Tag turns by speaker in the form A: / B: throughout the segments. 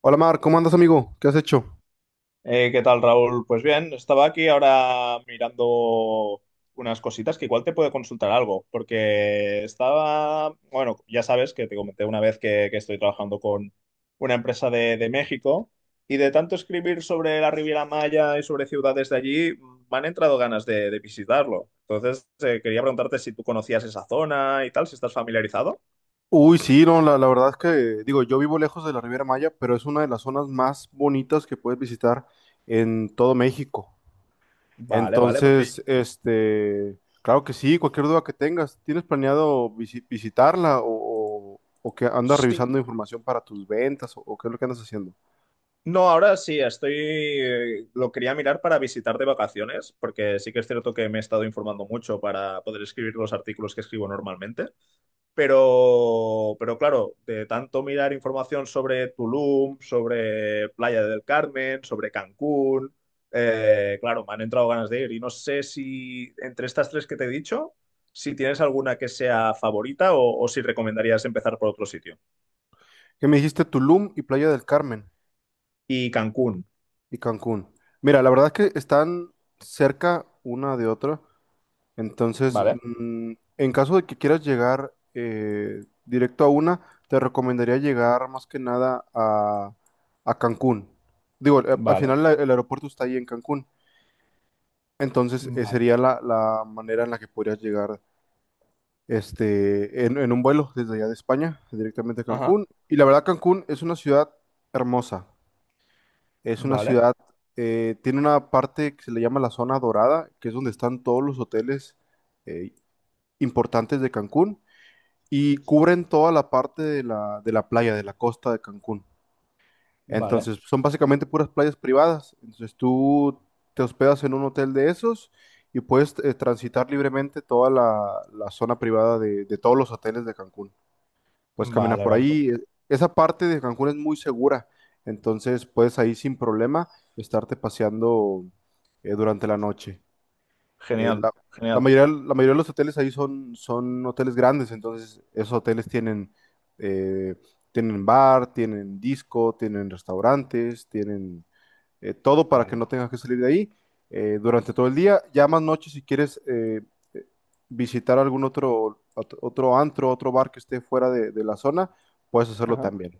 A: Hola Mar, ¿cómo andas amigo? ¿Qué has hecho?
B: ¿Qué tal, Raúl? Pues bien, estaba aquí ahora mirando unas cositas que igual te puedo consultar algo, porque estaba, bueno, ya sabes que te comenté una vez que estoy trabajando con una empresa de México y de tanto escribir sobre la Riviera Maya y sobre ciudades de allí, me han entrado ganas de visitarlo. Entonces, quería preguntarte si tú conocías esa zona y tal, si estás familiarizado.
A: Uy, sí, no, la verdad es que, digo, yo vivo lejos de la Riviera Maya, pero es una de las zonas más bonitas que puedes visitar en todo México.
B: Vale, vale, porque
A: Entonces, claro que sí, cualquier duda que tengas, ¿tienes planeado visitarla o que andas
B: sí.
A: revisando información para tus ventas o qué es lo que andas haciendo?
B: No, ahora sí, estoy, lo quería mirar para visitar de vacaciones, porque sí que es cierto que me he estado informando mucho para poder escribir los artículos que escribo normalmente, pero claro, de tanto mirar información sobre Tulum, sobre Playa del Carmen, sobre Cancún, claro, me han entrado ganas de ir y no sé si entre estas tres que te he dicho, si tienes alguna que sea favorita o si recomendarías empezar por otro sitio.
A: Que me dijiste Tulum y Playa del Carmen
B: Y Cancún,
A: y Cancún. Mira, la verdad es que están cerca una de otra. Entonces,
B: ¿vale?
A: en caso de que quieras llegar directo a una, te recomendaría llegar más que nada a, Cancún. Digo, al
B: Vale.
A: final el aeropuerto está ahí en Cancún. Entonces,
B: Vale.
A: sería la manera en la que podrías llegar en un vuelo desde allá de España, directamente a
B: Ajá.
A: Cancún. Y la verdad, Cancún es una ciudad hermosa. Es una
B: Vale,
A: ciudad, tiene una parte que se le llama la zona dorada, que es donde están todos los hoteles eh, importantes de Cancún, y cubren toda la parte de la playa, de la costa de Cancún.
B: vale,
A: Entonces, son básicamente puras playas privadas. Entonces, tú te hospedas en un hotel de esos y puedes transitar libremente toda la zona privada de todos los hoteles de Cancún. Puedes caminar
B: vale,
A: por
B: vale, pues.
A: ahí. Esa parte de Cancún es muy segura. Entonces, puedes ahí sin problema estarte paseando durante la noche. Eh,
B: Genial,
A: la, la
B: genial.
A: mayoría, la mayoría de los hoteles ahí son, hoteles grandes. Entonces, esos hoteles tienen, eh, bar, tienen disco, tienen restaurantes, tienen todo para que
B: Vale.
A: no tengas que salir de ahí durante todo el día. Ya más noche, si quieres eh, visitar algún otro antro, otro bar que esté fuera de, la zona, puedes hacerlo
B: Ajá.
A: también.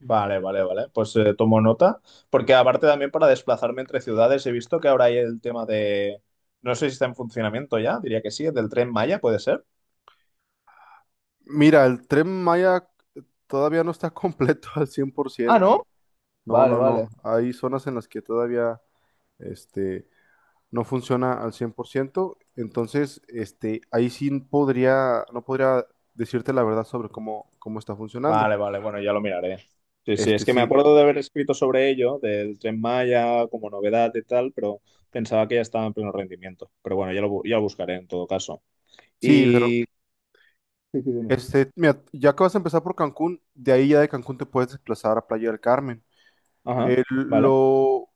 B: Vale, vale, vale. Pues tomo nota, porque aparte también para desplazarme entre ciudades he visto que ahora hay el tema de… No sé si está en funcionamiento ya, diría que sí, del tren Maya, ¿puede ser?
A: Mira, el Tren Maya todavía no está completo al cien por
B: Ah,
A: ciento
B: ¿no?
A: No,
B: Vale,
A: no,
B: vale.
A: no. Hay zonas en las que todavía este, no funciona al 100%. Entonces, ahí sí podría, no podría decirte la verdad sobre cómo está funcionando.
B: Vale, vale, bueno, ya lo miraré. Sí, sí, es que me
A: Sí,
B: acuerdo de haber escrito sobre ello, del tren Maya como novedad y tal, pero pensaba que ya estaba en pleno rendimiento. Pero bueno, ya lo, ya lo buscaré en todo caso.
A: sí, pero
B: Y… Sí, sí, dime.
A: mira, ya que vas a empezar por Cancún, de ahí ya de Cancún te puedes desplazar a Playa del Carmen.
B: Ajá,
A: Eh,
B: vale.
A: lo,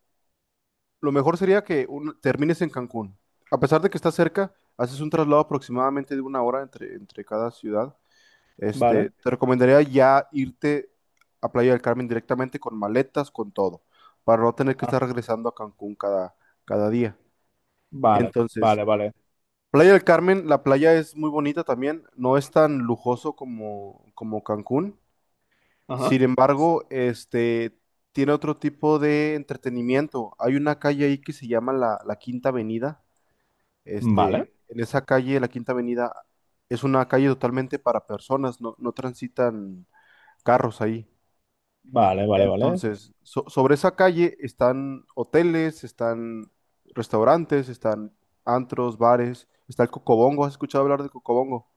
A: lo mejor sería que termines en Cancún. A pesar de que está cerca, haces un traslado aproximadamente de 1 hora entre cada ciudad.
B: Vale.
A: Te recomendaría ya irte a Playa del Carmen directamente con maletas, con todo, para no tener que
B: Ah,
A: estar regresando a Cancún cada día.
B: vale,
A: Entonces,
B: vale, vale.
A: Playa del Carmen, la playa es muy bonita también, no es tan lujoso como Cancún.
B: Ajá.
A: Sin embargo, tiene otro tipo de entretenimiento. Hay una calle ahí que se llama la Quinta Avenida.
B: Vale,
A: En esa calle, la Quinta Avenida, es una calle totalmente para personas, no transitan carros ahí.
B: vale, vale, vale.
A: Entonces, sobre esa calle están hoteles, están restaurantes, están antros, bares, está el Cocobongo. ¿Has escuchado hablar de Cocobongo?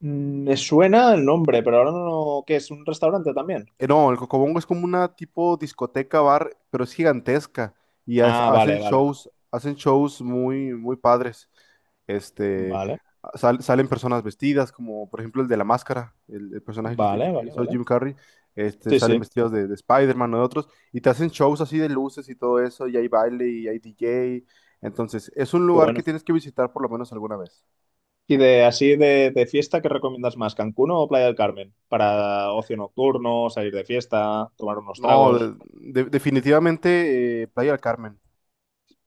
B: Mm, me suena el nombre, pero ahora no, ¿qué es? ¿Un restaurante también?
A: No, el Cocobongo es como una tipo discoteca bar, pero es gigantesca y
B: Ah,
A: hacen
B: vale, vale.
A: shows, hacen shows muy, muy padres. Este,
B: Vale,
A: Salen personas vestidas, como por ejemplo el de la máscara, el personaje que
B: vale, vale,
A: hizo
B: vale.
A: Jim Carrey,
B: Sí,
A: salen
B: sí.
A: vestidos de, Spider-Man o de otros, y te hacen shows así de luces y todo eso, y hay baile y hay DJ. Entonces, es un
B: Qué
A: lugar
B: bueno.
A: que tienes que visitar por lo menos alguna vez.
B: Y de así de fiesta, ¿qué recomiendas más? ¿Cancún o Playa del Carmen? Para ocio nocturno, salir de fiesta, tomar unos
A: No,
B: tragos.
A: definitivamente Playa del Carmen.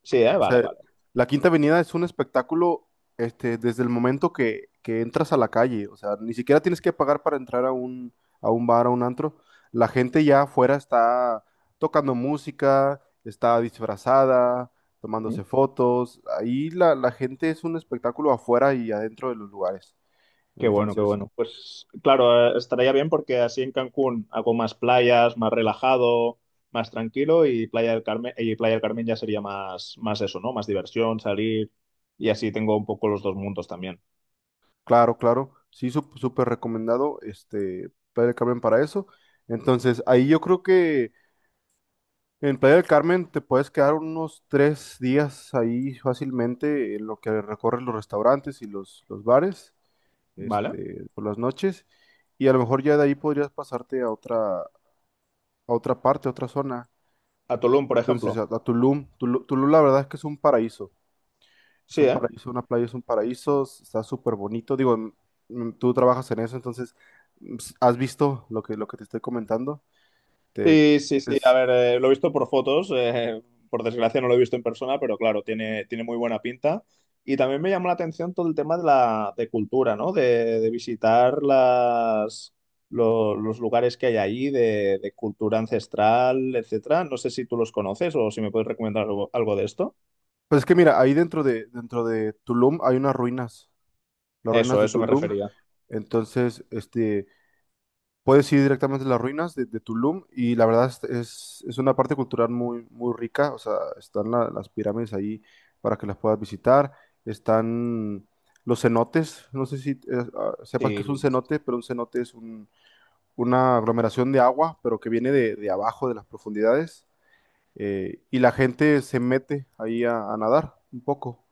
B: Sí, ¿eh?
A: O
B: Vale,
A: sea,
B: vale.
A: la Quinta Avenida es un espectáculo desde el momento que entras a la calle. O sea, ni siquiera tienes que pagar para entrar a un, bar, a un antro. La gente ya afuera está tocando música, está disfrazada, tomándose fotos. Ahí la gente es un espectáculo afuera y adentro de los lugares.
B: Qué bueno, qué
A: Entonces,
B: bueno. Pues claro, estaría bien porque así en Cancún hago más playas, más relajado, más tranquilo y Playa del Carmen, y Playa del Carmen ya sería más, más eso, ¿no? Más diversión, salir y así tengo un poco los dos mundos también.
A: claro, claro, sí, súper recomendado, Playa del Carmen para eso. Entonces, ahí yo creo que en Playa del Carmen te puedes quedar unos 3 días ahí fácilmente en lo que recorres los restaurantes y los bares,
B: ¿Vale?
A: por las noches, y a lo mejor ya de ahí podrías pasarte a otra parte, a otra zona.
B: A Tulum, por
A: Entonces,
B: ejemplo.
A: a, Tulum. Tulum, la verdad es que es un paraíso. Es
B: Sí,
A: un
B: ¿eh?
A: paraíso, una playa es un paraíso, está súper bonito. Digo, tú trabajas en eso, entonces has visto lo que, te estoy comentando. Te,
B: Sí, sí, sí. A ver, lo he visto por fotos, por desgracia no lo he visto en persona, pero claro, tiene, tiene muy buena pinta. Y también me llamó la atención todo el tema de la de cultura, ¿no? De visitar las, los lugares que hay ahí, de cultura ancestral, etcétera. No sé si tú los conoces o si me puedes recomendar algo, algo de esto.
A: Pues es que mira, ahí dentro de Tulum hay unas ruinas, las ruinas
B: Eso,
A: de
B: eso me
A: Tulum.
B: refería.
A: Entonces, puedes ir directamente a las ruinas de Tulum, y la verdad es, es una parte cultural muy, muy rica. O sea, están las pirámides ahí para que las puedas visitar. Están los cenotes. No sé si sepas que
B: Sí,
A: es un
B: sí,
A: cenote,
B: sí.
A: pero un cenote es una aglomeración de agua, pero que viene de abajo, de las profundidades, y la gente se mete ahí a nadar un poco.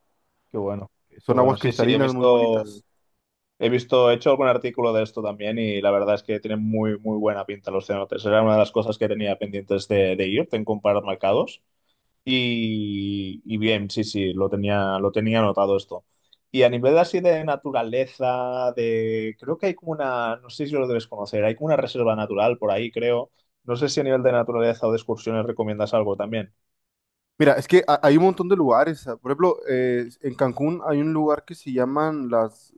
B: Qué bueno, qué
A: Son aguas
B: bueno. Sí, sí, he
A: cristalinas muy
B: visto.
A: bonitas.
B: He visto, he hecho algún artículo de esto también y la verdad es que tienen muy, muy buena pinta los cenotes. Era una de las cosas que tenía pendientes de ir, en comparar mercados. Y bien, sí, sí, lo tenía anotado esto. Y a nivel así de naturaleza, de creo que hay como una, no sé si lo debes conocer, hay como una reserva natural por ahí, creo. No sé si a nivel de naturaleza o de excursiones recomiendas algo también.
A: Mira, es que hay un montón de lugares. Por ejemplo, en Cancún hay un lugar que se llaman las,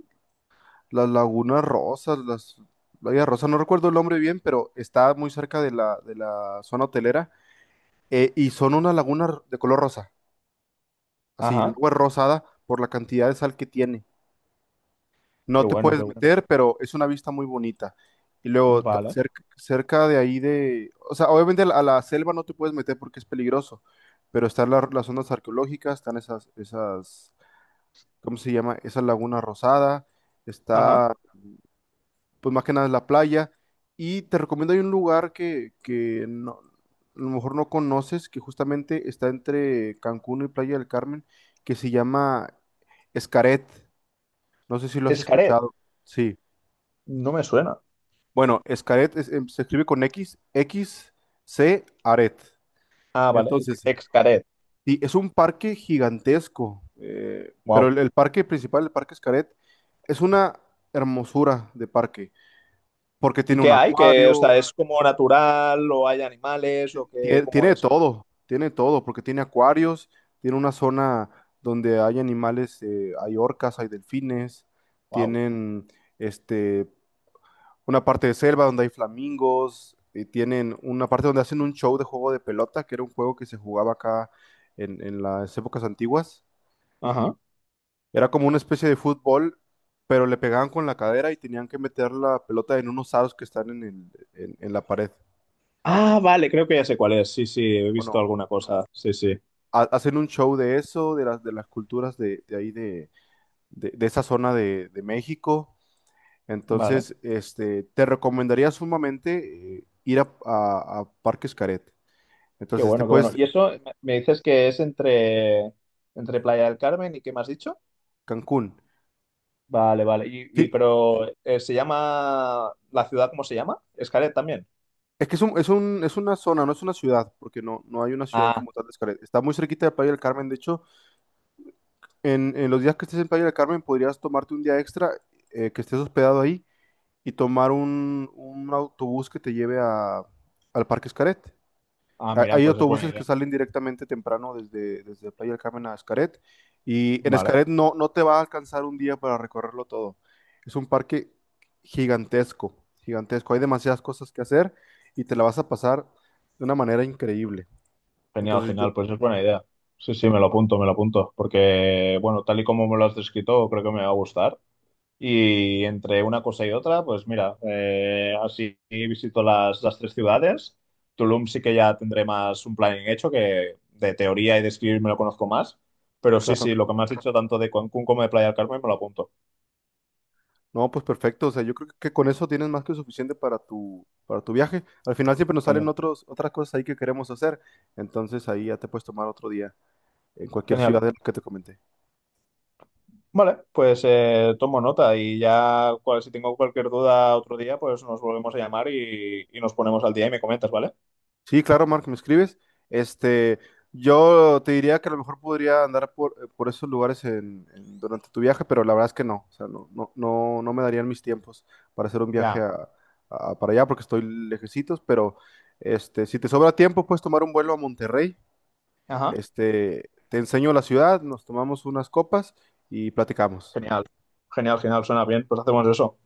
A: las Lagunas Rosas, las Lagunas Rosas, no recuerdo el nombre bien, pero está muy cerca de la zona hotelera, y son unas lagunas de color rosa. Así, el
B: Ajá,
A: agua es rosada por la cantidad de sal que tiene.
B: qué
A: No te
B: bueno, qué
A: puedes
B: bueno.
A: meter, pero es una vista muy bonita. Y luego,
B: Vale.
A: cerca de ahí de... O sea, obviamente a la selva no te puedes meter porque es peligroso, pero están las zonas arqueológicas, están esas, ¿cómo se llama? Esa laguna rosada,
B: Ajá.
A: está, pues más que nada es la playa. Y te recomiendo, hay un lugar que no, a lo mejor no conoces, que justamente está entre Cancún y Playa del Carmen, que se llama Escaret. No sé si lo has
B: Escaret,
A: escuchado. Sí.
B: no me suena.
A: Bueno, Xcaret se escribe con X, X, C, Aret.
B: Ah, vale.
A: Entonces,
B: Excaret.
A: sí, es un parque gigantesco, pero
B: Wow.
A: el parque principal, el parque Xcaret, es una hermosura de parque, porque
B: ¿Y
A: tiene
B: qué
A: un
B: hay? Que, o
A: acuario,
B: sea, ¿es como natural o hay animales o qué, cómo es?
A: tiene de todo, porque tiene acuarios, tiene una zona donde hay animales, hay orcas, hay delfines,
B: Wow.
A: tienen este, una parte de selva donde hay flamingos, tienen una parte donde hacen un show de juego de pelota, que era un juego que se jugaba acá en las épocas antiguas.
B: Ajá.
A: Era como una especie de fútbol, pero le pegaban con la cadera y tenían que meter la pelota en unos aros que están en la pared.
B: Ah, vale, creo que ya sé cuál es. Sí, sí, he visto
A: Bueno,
B: alguna cosa. Sí, sí.
A: hacen un show de eso, de las, culturas de, ahí, de esa zona de México.
B: Vale.
A: Entonces, te recomendaría sumamente ir a, Parques Caret.
B: Qué
A: Entonces, te
B: bueno, qué bueno.
A: puedes
B: ¿Y eso me me dices que es entre, entre Playa del Carmen y qué me has dicho?
A: Cancún.
B: Vale, vale. Y
A: Sí,
B: pero se llama la ciudad, ¿cómo se llama? Escaret también.
A: es que es un, es una zona, no es una ciudad, porque no hay una ciudad
B: Ah,
A: como tal de Xcaret. Está muy cerquita de Playa del Carmen. De hecho, en los días que estés en Playa del Carmen podrías tomarte un día extra, que estés hospedado ahí, y tomar un autobús que te lleve al Parque Xcaret.
B: ah, mira,
A: Hay
B: pues es buena
A: autobuses que
B: idea.
A: salen directamente temprano desde Playa del Carmen a Xcaret, y en
B: Vale,
A: Xcaret no te va a alcanzar un día para recorrerlo todo. Es un parque gigantesco, gigantesco. Hay demasiadas cosas que hacer, y te la vas a pasar de una manera increíble.
B: genial,
A: Entonces yo,
B: genial, pues es buena idea. Sí, sí, me lo apunto, porque bueno, tal y como me lo has descrito, creo que me va a gustar. Y entre una cosa y otra, pues mira, así visito las tres ciudades. Tulum sí que ya tendré más un planning hecho, que de teoría y de escribir me lo conozco más. Pero sí,
A: claro,
B: sí, lo que me has dicho tanto de Cancún como de Playa del Carmen me lo apunto.
A: no, pues perfecto. O sea, yo creo que con eso tienes más que suficiente para tu, viaje. Al final siempre nos salen
B: Genial,
A: otros, otras cosas ahí que queremos hacer. Entonces, ahí ya te puedes tomar otro día en cualquier ciudad
B: genial.
A: de lo que te comenté.
B: Vale, pues tomo nota y ya si tengo cualquier duda otro día, pues nos volvemos a llamar y nos ponemos al día y me comentas, ¿vale?
A: Sí, claro, Mark, me escribes. Este, yo te diría que a lo mejor podría andar por esos lugares durante tu viaje, pero la verdad es que no. O sea, no, no, no, no me darían mis tiempos para hacer un viaje
B: Ya.
A: para allá, porque estoy lejecitos, pero si te sobra tiempo, puedes tomar un vuelo a Monterrey.
B: Ajá.
A: Te enseño la ciudad, nos tomamos unas copas y platicamos.
B: Genial, genial, genial, suena bien, pues hacemos eso.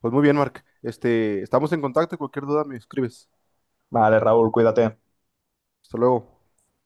A: Pues muy bien, Mark. Estamos en contacto, cualquier duda me escribes.
B: Vale, Raúl, cuídate.
A: Hasta luego.